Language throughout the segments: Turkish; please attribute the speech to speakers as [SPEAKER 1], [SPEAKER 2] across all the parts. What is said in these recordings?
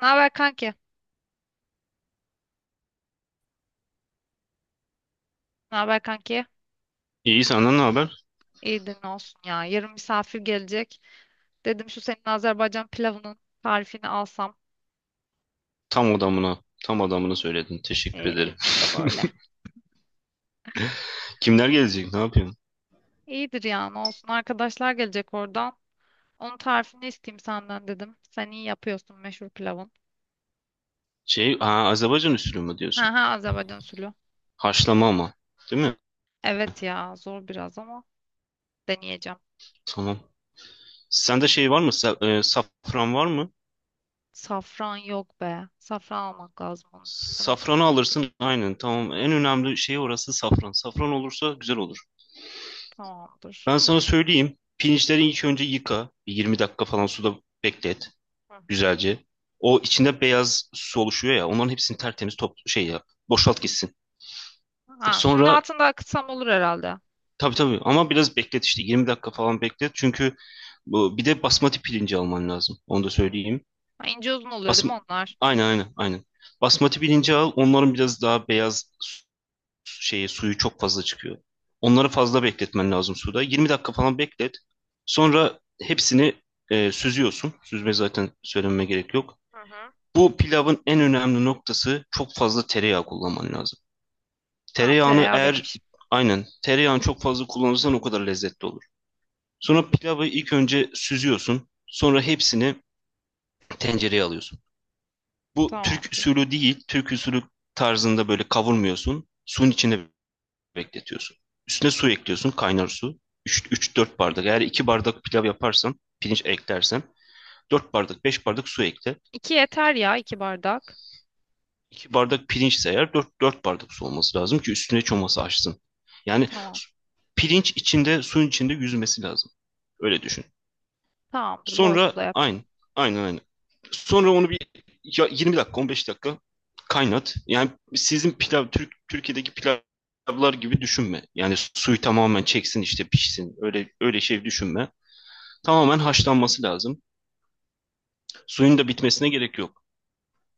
[SPEAKER 1] Ne haber kanki? Ne haber kanki?
[SPEAKER 2] İyi senden ne haber?
[SPEAKER 1] İyidir ne olsun ya. Yarın misafir gelecek. Dedim şu senin Azerbaycan pilavının tarifini alsam.
[SPEAKER 2] Tam adamını söyledin. Teşekkür
[SPEAKER 1] Ee,
[SPEAKER 2] ederim.
[SPEAKER 1] Biz de böyle.
[SPEAKER 2] Kimler gelecek? Ne yapıyorsun?
[SPEAKER 1] İyidir ya ne olsun. Arkadaşlar gelecek oradan. Onun tarifini isteyeyim senden dedim. Sen iyi yapıyorsun meşhur pilavın.
[SPEAKER 2] Ha, Azerbaycan usulü mü diyorsun?
[SPEAKER 1] Ha ha, Azerbaycan usulü.
[SPEAKER 2] Haşlama ama, değil mi?
[SPEAKER 1] Evet ya, zor biraz ama deneyeceğim.
[SPEAKER 2] Tamam. Sende şey var mı? Safran var mı?
[SPEAKER 1] Safran yok be. Safran almak lazım onun için, değil mi?
[SPEAKER 2] Safranı alırsın. Aynen, tamam. En önemli şey orası safran. Safran olursa güzel olur.
[SPEAKER 1] Tamamdır.
[SPEAKER 2] Ben sana söyleyeyim.
[SPEAKER 1] Hı
[SPEAKER 2] Pirinçleri
[SPEAKER 1] hı.
[SPEAKER 2] ilk önce yıka. Bir 20 dakika falan suda beklet.
[SPEAKER 1] Hı hı.
[SPEAKER 2] Güzelce. O içinde beyaz su oluşuyor ya. Onların hepsini tertemiz top şey yap. Boşalt gitsin.
[SPEAKER 1] Ha, suyun
[SPEAKER 2] Sonra
[SPEAKER 1] altında akıtsam olur herhalde. Ha,
[SPEAKER 2] tabii tabii ama biraz beklet işte 20 dakika falan beklet. Çünkü bu bir de basmati pirinci alman lazım. Onu da söyleyeyim.
[SPEAKER 1] ince uzun oluyor değil
[SPEAKER 2] Basm
[SPEAKER 1] mi onlar?
[SPEAKER 2] aynen aynen aynen. Basmati pirinci al. Onların biraz daha beyaz su- şeyi suyu çok fazla çıkıyor. Onları fazla bekletmen lazım suda. 20 dakika falan beklet. Sonra hepsini süzüyorsun. Süzme zaten söylememe gerek yok.
[SPEAKER 1] Hı hı.
[SPEAKER 2] Bu pilavın en önemli noktası çok fazla tereyağı kullanman lazım.
[SPEAKER 1] Tamam,
[SPEAKER 2] Tereyağını
[SPEAKER 1] tereyağı benim
[SPEAKER 2] eğer
[SPEAKER 1] işim.
[SPEAKER 2] Aynen tereyağını çok fazla kullanırsan o kadar lezzetli olur. Sonra pilavı ilk önce süzüyorsun. Sonra hepsini tencereye alıyorsun. Bu Türk
[SPEAKER 1] Tamamdır.
[SPEAKER 2] usulü değil. Türk usulü tarzında böyle kavurmuyorsun. Suyun içine bekletiyorsun. Üstüne su ekliyorsun. Kaynar su. Üç dört bardak. Eğer 2 bardak pilav yaparsan, pirinç eklersen dört bardak, 5 bardak su ekle.
[SPEAKER 1] İki yeter ya, iki bardak.
[SPEAKER 2] 2 bardak pirinçse eğer dört bardak su olması lazım ki üstüne çoması açsın. Yani
[SPEAKER 1] Tamam.
[SPEAKER 2] pirinç içinde, suyun içinde yüzmesi lazım. Öyle düşün.
[SPEAKER 1] Tamamdır. Bol
[SPEAKER 2] Sonra
[SPEAKER 1] suda yapacağım.
[SPEAKER 2] aynı. Aynen aynen. Sonra onu 20 dakika 15 dakika kaynat. Yani sizin pilav Türkiye'deki pilavlar gibi düşünme. Yani suyu tamamen çeksin işte pişsin. Öyle öyle şey düşünme. Tamamen haşlanması lazım. Suyun da bitmesine gerek yok.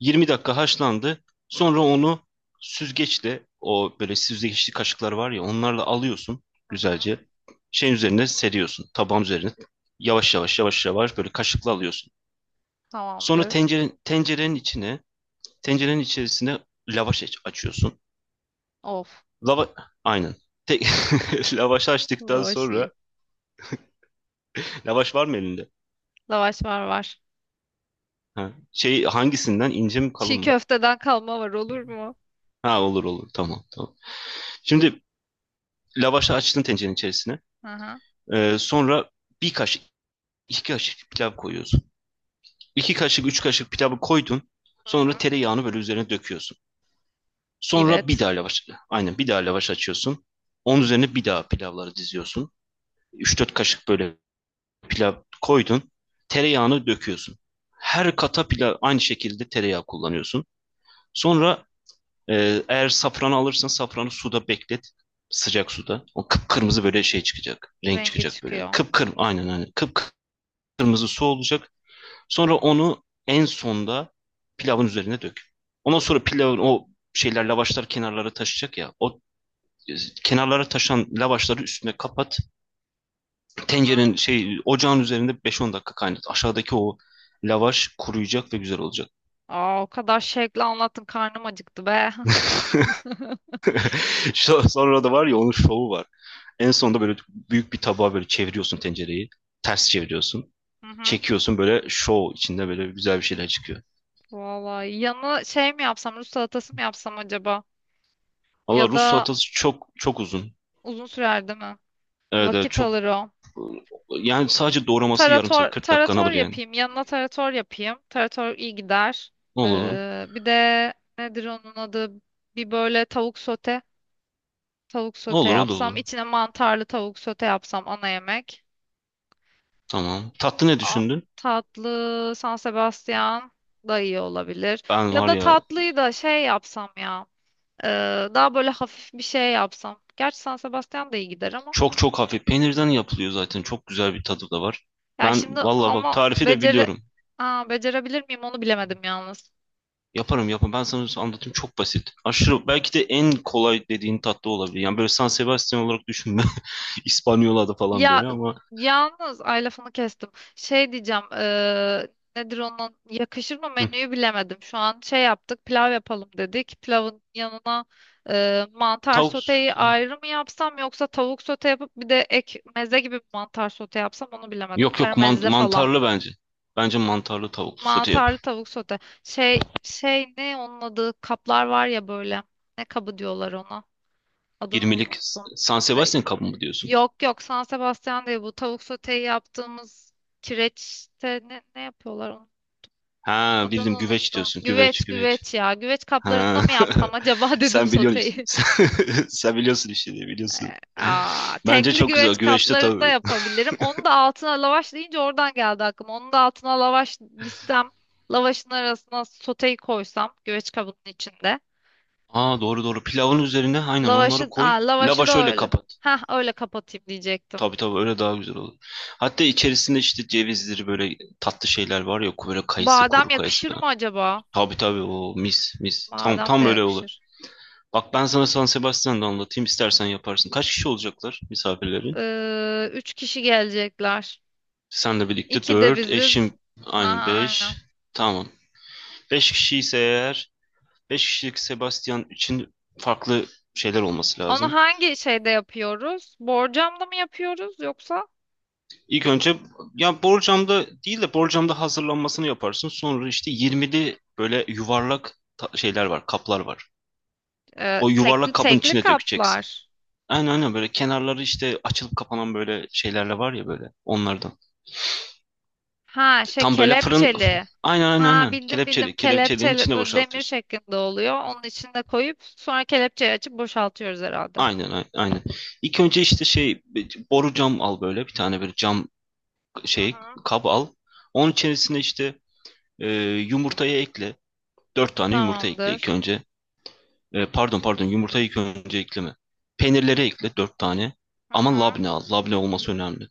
[SPEAKER 2] 20 dakika haşlandı. Sonra onu süzgeçle o böyle süzgeçli kaşıklar var ya onlarla alıyorsun
[SPEAKER 1] Hı.
[SPEAKER 2] güzelce. Şeyin üzerine seriyorsun. Tabağın üzerine yavaş yavaş yavaş yavaş böyle kaşıkla alıyorsun. Sonra
[SPEAKER 1] Tamamdır.
[SPEAKER 2] tencerenin içerisine lavaş açıyorsun.
[SPEAKER 1] Of.
[SPEAKER 2] Lava, aynen. Te- lavaş açtıktan
[SPEAKER 1] Lavaş iyi.
[SPEAKER 2] sonra, lavaş var mı elinde?
[SPEAKER 1] Lavaş var var.
[SPEAKER 2] Ha, şey hangisinden ince mi kalın
[SPEAKER 1] Çiğ
[SPEAKER 2] mı?
[SPEAKER 1] köfteden kalma var, olur mu?
[SPEAKER 2] Ha olur olur tamam tamam. Şimdi lavaşı açtın tencerenin içerisine.
[SPEAKER 1] Hı hı.
[SPEAKER 2] Sonra bir kaşık, iki kaşık pilav koyuyorsun. İki kaşık, üç kaşık pilavı koydun.
[SPEAKER 1] Hı
[SPEAKER 2] Sonra
[SPEAKER 1] hı.
[SPEAKER 2] tereyağını böyle üzerine döküyorsun. Sonra
[SPEAKER 1] Evet.
[SPEAKER 2] aynen bir daha lavaş açıyorsun. Onun üzerine bir daha pilavları diziyorsun. Üç dört kaşık böyle pilav koydun. Tereyağını döküyorsun. Her kata pilav aynı şekilde tereyağı kullanıyorsun. Sonra eğer safranı alırsan safranı suda beklet.
[SPEAKER 1] Hı hı.
[SPEAKER 2] Sıcak suda. O kıpkırmızı böyle şey çıkacak. Renk
[SPEAKER 1] Rengi
[SPEAKER 2] çıkacak böyle.
[SPEAKER 1] çıkıyor.
[SPEAKER 2] Kıpkırmızı aynen aynen. Kıpkırmızı su olacak. Sonra onu en sonda pilavın üzerine dök. Ondan sonra pilavın o lavaşlar kenarlara taşacak ya. E, Kenarlara taşan lavaşları üstüne kapat.
[SPEAKER 1] Hı hı.
[SPEAKER 2] Tencerenin şey Ocağın üzerinde 5-10 dakika kaynat. Aşağıdaki o lavaş kuruyacak ve güzel olacak.
[SPEAKER 1] Aa, o kadar şevkle anlattın karnım acıktı be.
[SPEAKER 2] Sonra da var ya onun şovu var. En sonunda böyle büyük bir tabağa böyle çeviriyorsun tencereyi. Ters çeviriyorsun.
[SPEAKER 1] Hı hı.
[SPEAKER 2] Çekiyorsun böyle şov içinde böyle güzel bir şeyler çıkıyor.
[SPEAKER 1] Vallahi yanı şey mi yapsam, Rus salatası mı yapsam acaba? Ya
[SPEAKER 2] Valla Rus
[SPEAKER 1] da
[SPEAKER 2] salatası çok çok uzun.
[SPEAKER 1] uzun sürer değil mi?
[SPEAKER 2] Evet, evet
[SPEAKER 1] Vakit
[SPEAKER 2] çok
[SPEAKER 1] alır o.
[SPEAKER 2] yani sadece doğraması yarım saat
[SPEAKER 1] Tarator,
[SPEAKER 2] 40 dakikanı
[SPEAKER 1] tarator
[SPEAKER 2] alır yani.
[SPEAKER 1] yapayım. Yanına tarator yapayım. Tarator iyi gider.
[SPEAKER 2] Ne olur?
[SPEAKER 1] Bir de nedir onun adı? Bir böyle tavuk sote. Tavuk
[SPEAKER 2] Ne
[SPEAKER 1] sote
[SPEAKER 2] olur o da
[SPEAKER 1] yapsam.
[SPEAKER 2] olur.
[SPEAKER 1] İçine mantarlı tavuk sote yapsam, ana yemek.
[SPEAKER 2] Tamam. Tatlı ne
[SPEAKER 1] A-
[SPEAKER 2] düşündün?
[SPEAKER 1] Tatlı San Sebastian da iyi olabilir.
[SPEAKER 2] Ben
[SPEAKER 1] Ya
[SPEAKER 2] var
[SPEAKER 1] da
[SPEAKER 2] ya.
[SPEAKER 1] tatlıyı da şey yapsam ya. Daha böyle hafif bir şey yapsam. Gerçi San Sebastian da iyi gider ama.
[SPEAKER 2] Çok çok hafif. Peynirden yapılıyor zaten. Çok güzel bir tadı da var.
[SPEAKER 1] Ya
[SPEAKER 2] Ben
[SPEAKER 1] şimdi
[SPEAKER 2] valla bak
[SPEAKER 1] ama
[SPEAKER 2] tarifi de
[SPEAKER 1] beceri...
[SPEAKER 2] biliyorum.
[SPEAKER 1] Aa, becerebilir miyim onu bilemedim yalnız.
[SPEAKER 2] Yaparım yaparım. Ben sana anlatayım çok basit. Aşırı belki de en kolay dediğin tatlı olabilir. Yani böyle San Sebastian olarak düşünme. İspanyola'da falan
[SPEAKER 1] Ya
[SPEAKER 2] böyle ama.
[SPEAKER 1] yalnız ay, lafını kestim. Şey diyeceğim nedir onun, yakışır mı,
[SPEAKER 2] Hı.
[SPEAKER 1] menüyü bilemedim. Şu an şey yaptık, pilav yapalım dedik. Pilavın yanına mantar
[SPEAKER 2] Tavuk
[SPEAKER 1] soteyi
[SPEAKER 2] sote.
[SPEAKER 1] ayrı mı yapsam, yoksa tavuk sote yapıp bir de ek meze gibi bir mantar sote yapsam onu bilemedim.
[SPEAKER 2] Yok yok mant-
[SPEAKER 1] Karamelize falan.
[SPEAKER 2] mantarlı bence. Bence mantarlı tavuklu sote yap.
[SPEAKER 1] Mantarlı tavuk sote. Şey şey, ne onun adı, kaplar var ya böyle. Ne kabı diyorlar ona. Adını
[SPEAKER 2] 20'lik
[SPEAKER 1] unuttum.
[SPEAKER 2] San Sebastian kabı mı diyorsun?
[SPEAKER 1] Yok yok, San Sebastian değil, bu tavuk soteyi yaptığımız kireçte ne, ne yapıyorlar onu?
[SPEAKER 2] Ha
[SPEAKER 1] Adını
[SPEAKER 2] bildim güveç
[SPEAKER 1] unuttum.
[SPEAKER 2] diyorsun. Güveç
[SPEAKER 1] Güveç
[SPEAKER 2] güveç.
[SPEAKER 1] güveç ya. Güveç kaplarında
[SPEAKER 2] Ha.
[SPEAKER 1] mı yapsam acaba dedim
[SPEAKER 2] Sen biliyorsun
[SPEAKER 1] soteyi.
[SPEAKER 2] işte. Sen biliyorsun işte diye biliyorsun.
[SPEAKER 1] Aa,
[SPEAKER 2] Bence
[SPEAKER 1] tekli
[SPEAKER 2] çok güzel.
[SPEAKER 1] güveç
[SPEAKER 2] Güveçte tabii.
[SPEAKER 1] kaplarında yapabilirim. Onu da altına lavaş deyince oradan geldi aklıma. Onu da altına lavaş listem. Lavaşın arasına soteyi koysam güveç kabının içinde.
[SPEAKER 2] Aa doğru doğru. Pilavın üzerine aynen onları
[SPEAKER 1] Lavaşı,
[SPEAKER 2] koy.
[SPEAKER 1] aa, lavaşı
[SPEAKER 2] Lavaş
[SPEAKER 1] da
[SPEAKER 2] öyle
[SPEAKER 1] öyle.
[SPEAKER 2] kapat.
[SPEAKER 1] Heh, öyle kapatayım diyecektim.
[SPEAKER 2] Tabii tabii öyle daha güzel olur. Hatta içerisinde işte cevizleri böyle tatlı şeyler var ya böyle
[SPEAKER 1] Badem
[SPEAKER 2] kuru kayısı
[SPEAKER 1] yakışır mı
[SPEAKER 2] falan.
[SPEAKER 1] acaba?
[SPEAKER 2] Tabii tabii o mis mis. Tam
[SPEAKER 1] Badem
[SPEAKER 2] tam
[SPEAKER 1] de
[SPEAKER 2] böyle olur.
[SPEAKER 1] yakışır.
[SPEAKER 2] Bak ben sana San Sebastian'da anlatayım istersen yaparsın. Kaç kişi olacaklar misafirlerin?
[SPEAKER 1] Üç kişi gelecekler.
[SPEAKER 2] Senle birlikte
[SPEAKER 1] İki de
[SPEAKER 2] 4,
[SPEAKER 1] biziz.
[SPEAKER 2] eşim aynı
[SPEAKER 1] Aha,
[SPEAKER 2] 5.
[SPEAKER 1] aynen.
[SPEAKER 2] Tamam. 5 kişi ise eğer 5 kişilik Sebastian için farklı şeyler olması
[SPEAKER 1] Onu
[SPEAKER 2] lazım.
[SPEAKER 1] hangi şeyde yapıyoruz? Borcamda mı yapıyoruz yoksa
[SPEAKER 2] İlk önce ya borcamda değil de borcamda hazırlanmasını yaparsın. Sonra işte 20'li böyle yuvarlak şeyler var, kaplar var. O
[SPEAKER 1] tekli
[SPEAKER 2] yuvarlak kabın
[SPEAKER 1] tekli
[SPEAKER 2] içine
[SPEAKER 1] kaplar?
[SPEAKER 2] dökeceksin. Aynen aynen böyle kenarları işte açılıp kapanan böyle şeylerle var ya böyle onlardan.
[SPEAKER 1] Ha şey,
[SPEAKER 2] Tam böyle fırın
[SPEAKER 1] kelepçeli.
[SPEAKER 2] aynen aynen
[SPEAKER 1] Ha
[SPEAKER 2] aynen
[SPEAKER 1] bildim bildim,
[SPEAKER 2] kelepçeliğin
[SPEAKER 1] kelepçeli,
[SPEAKER 2] içine
[SPEAKER 1] böyle demir
[SPEAKER 2] boşaltıyorsun.
[SPEAKER 1] şeklinde oluyor. Onun içinde koyup sonra kelepçeyi açıp boşaltıyoruz herhalde.
[SPEAKER 2] Aynen aynen. Aynen. İlk önce işte şey boru cam al böyle bir tane böyle cam
[SPEAKER 1] Hı
[SPEAKER 2] şey
[SPEAKER 1] hı.
[SPEAKER 2] kap al. Onun içerisine işte e, yumurtayı ekle. Dört tane yumurta ekle ilk
[SPEAKER 1] Tamamdır.
[SPEAKER 2] önce. Pardon pardon yumurtayı ilk önce ekleme. Peynirleri ekle dört tane.
[SPEAKER 1] Hı
[SPEAKER 2] Ama
[SPEAKER 1] hı.
[SPEAKER 2] labne al. Labne olması önemli.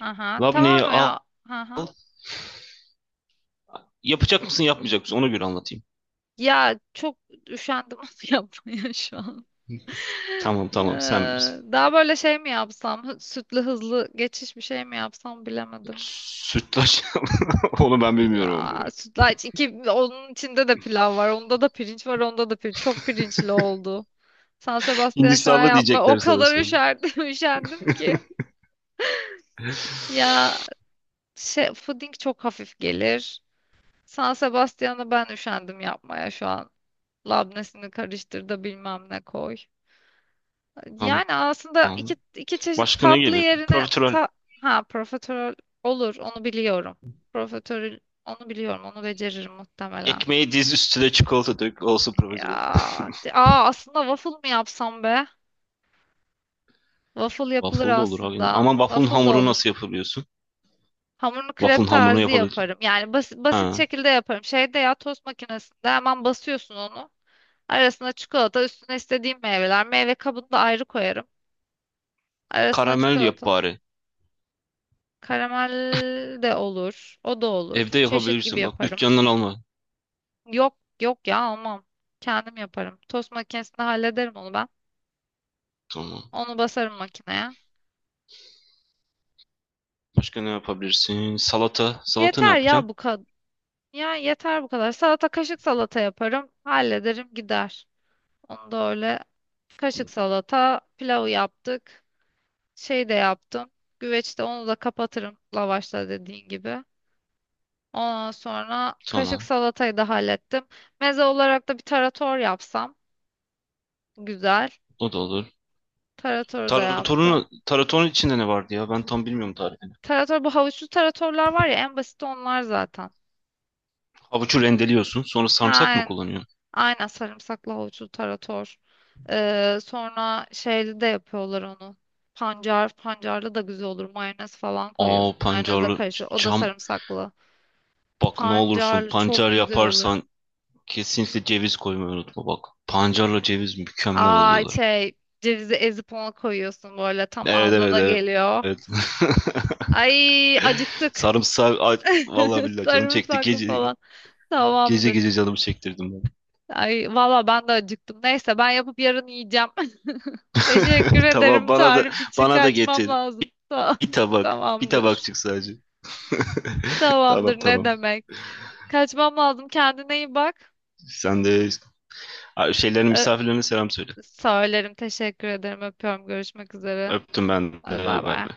[SPEAKER 1] Aha,
[SPEAKER 2] Labneyi
[SPEAKER 1] tamam
[SPEAKER 2] al.
[SPEAKER 1] ya. Aha.
[SPEAKER 2] Yapacak mısın yapmayacak mısın ona göre anlatayım.
[SPEAKER 1] Ya çok üşendim onu yapmaya şu an.
[SPEAKER 2] Tamam tamam sen bilirsin.
[SPEAKER 1] Daha böyle şey mi yapsam? Sütlü hızlı geçiş bir şey mi yapsam bilemedim.
[SPEAKER 2] Sütlaç. Onu ben bilmiyorum.
[SPEAKER 1] Aa,
[SPEAKER 2] Ama.
[SPEAKER 1] sütlaç, iki onun içinde de pilav var. Onda da pirinç var. Onda da pirinç. Çok pirinçli oldu. San Sebastian şu an
[SPEAKER 2] Hindistanlı
[SPEAKER 1] yapma. O
[SPEAKER 2] diyecekler sana
[SPEAKER 1] kadar
[SPEAKER 2] sonra.
[SPEAKER 1] üşerdim, üşendim ki. Ya şey, puding çok hafif gelir. San Sebastian'ı ben üşendim yapmaya şu an. Labnesini karıştır da bilmem ne koy.
[SPEAKER 2] Tamam.
[SPEAKER 1] Yani aslında iki, iki çeşit
[SPEAKER 2] Başka ne
[SPEAKER 1] tatlı
[SPEAKER 2] gelir?
[SPEAKER 1] yerine
[SPEAKER 2] Profiterol.
[SPEAKER 1] ha, profiterol olur, onu biliyorum. Profiterol, onu biliyorum, onu beceririm muhtemelen.
[SPEAKER 2] Ekmeği diz üstüne çikolata dök. Olsun profiterol.
[SPEAKER 1] Ya, aa, aslında waffle mı yapsam be? Waffle yapılır
[SPEAKER 2] Waffle da olur abi. Yine.
[SPEAKER 1] aslında.
[SPEAKER 2] Ama waffle'ın
[SPEAKER 1] Waffle da
[SPEAKER 2] hamuru
[SPEAKER 1] olur.
[SPEAKER 2] nasıl yapabiliyorsun?
[SPEAKER 1] Hamurunu krep
[SPEAKER 2] Waffle'ın hamurunu
[SPEAKER 1] tarzı
[SPEAKER 2] yapabilirsin.
[SPEAKER 1] yaparım. Yani basit
[SPEAKER 2] Ha.
[SPEAKER 1] şekilde yaparım. Şeyde ya, tost makinesinde hemen basıyorsun onu. Arasına çikolata, üstüne istediğim meyveler. Meyve kabını da ayrı koyarım. Arasına
[SPEAKER 2] Karamel yap
[SPEAKER 1] çikolata.
[SPEAKER 2] bari.
[SPEAKER 1] Karamel de olur. O da olur.
[SPEAKER 2] Evde
[SPEAKER 1] Çeşit gibi
[SPEAKER 2] yapabilirsin. Bak
[SPEAKER 1] yaparım.
[SPEAKER 2] dükkandan alma.
[SPEAKER 1] Yok yok ya, almam. Kendim yaparım. Tost makinesinde hallederim onu ben.
[SPEAKER 2] Tamam.
[SPEAKER 1] Onu basarım makineye.
[SPEAKER 2] Başka ne yapabilirsin? Salata. Salata ne
[SPEAKER 1] Yeter ya
[SPEAKER 2] yapacaksın?
[SPEAKER 1] bu kadar. Ya yeter bu kadar. Salata, kaşık salata yaparım. Hallederim gider. Onu da öyle, kaşık salata, pilavı yaptık. Şey de yaptım. Güveçte onu da kapatırım lavaşla, dediğin gibi. Ondan sonra kaşık
[SPEAKER 2] Tamam.
[SPEAKER 1] salatayı da hallettim. Meze olarak da bir tarator yapsam. Güzel.
[SPEAKER 2] O da olur.
[SPEAKER 1] Tarator da yaptım.
[SPEAKER 2] Taratorun içinde ne vardı ya? Ben tam bilmiyorum tarifini.
[SPEAKER 1] Tarator, bu havuçlu taratorlar var ya, en basit onlar zaten.
[SPEAKER 2] Havucu rendeliyorsun. Sonra sarımsak mı
[SPEAKER 1] Aynen.
[SPEAKER 2] kullanıyorsun?
[SPEAKER 1] Aynen, sarımsaklı havuçlu tarator. Sonra şeyli de yapıyorlar onu. Pancar, pancarlı da güzel olur. Mayonez falan
[SPEAKER 2] Aa
[SPEAKER 1] koyuyorsun. Mayonezle
[SPEAKER 2] pancarlı
[SPEAKER 1] karışır. O da
[SPEAKER 2] cam.
[SPEAKER 1] sarımsaklı.
[SPEAKER 2] Bak ne olursun
[SPEAKER 1] Pancarlı çok
[SPEAKER 2] pancar
[SPEAKER 1] güzel oluyor.
[SPEAKER 2] yaparsan kesinlikle ceviz koymayı unutma bak. Pancarla ceviz mükemmel
[SPEAKER 1] Ay
[SPEAKER 2] oluyorlar.
[SPEAKER 1] şey, cevizi ezip ona koyuyorsun, böyle tam
[SPEAKER 2] Evet
[SPEAKER 1] ağza
[SPEAKER 2] evet
[SPEAKER 1] da
[SPEAKER 2] evet.
[SPEAKER 1] geliyor.
[SPEAKER 2] Evet.
[SPEAKER 1] Ay acıktık.
[SPEAKER 2] Sarımsağı ay, vallahi billahi canım çekti.
[SPEAKER 1] Sarımsaklı
[SPEAKER 2] Gece
[SPEAKER 1] falan.
[SPEAKER 2] gece
[SPEAKER 1] Tamamdır.
[SPEAKER 2] gece canımı çektirdim ben.
[SPEAKER 1] Ay valla ben de acıktım. Neyse ben yapıp yarın yiyeceğim. Teşekkür
[SPEAKER 2] Tamam
[SPEAKER 1] ederim
[SPEAKER 2] bana da
[SPEAKER 1] tarif için,
[SPEAKER 2] bana da
[SPEAKER 1] kaçmam
[SPEAKER 2] getir.
[SPEAKER 1] lazım.
[SPEAKER 2] Bir tabak. Bir
[SPEAKER 1] Tamamdır.
[SPEAKER 2] tabakçık sadece.
[SPEAKER 1] Tamamdır
[SPEAKER 2] Tamam
[SPEAKER 1] ne
[SPEAKER 2] tamam.
[SPEAKER 1] demek. Kaçmam lazım. Kendine iyi bak.
[SPEAKER 2] Sen de. Ha, şeylerin
[SPEAKER 1] Ee,
[SPEAKER 2] misafirlerine selam söyle.
[SPEAKER 1] Söylerim. Teşekkür ederim. Öpüyorum. Görüşmek üzere.
[SPEAKER 2] Öptüm ben
[SPEAKER 1] Hadi bay
[SPEAKER 2] de. Bay
[SPEAKER 1] bay.
[SPEAKER 2] bay.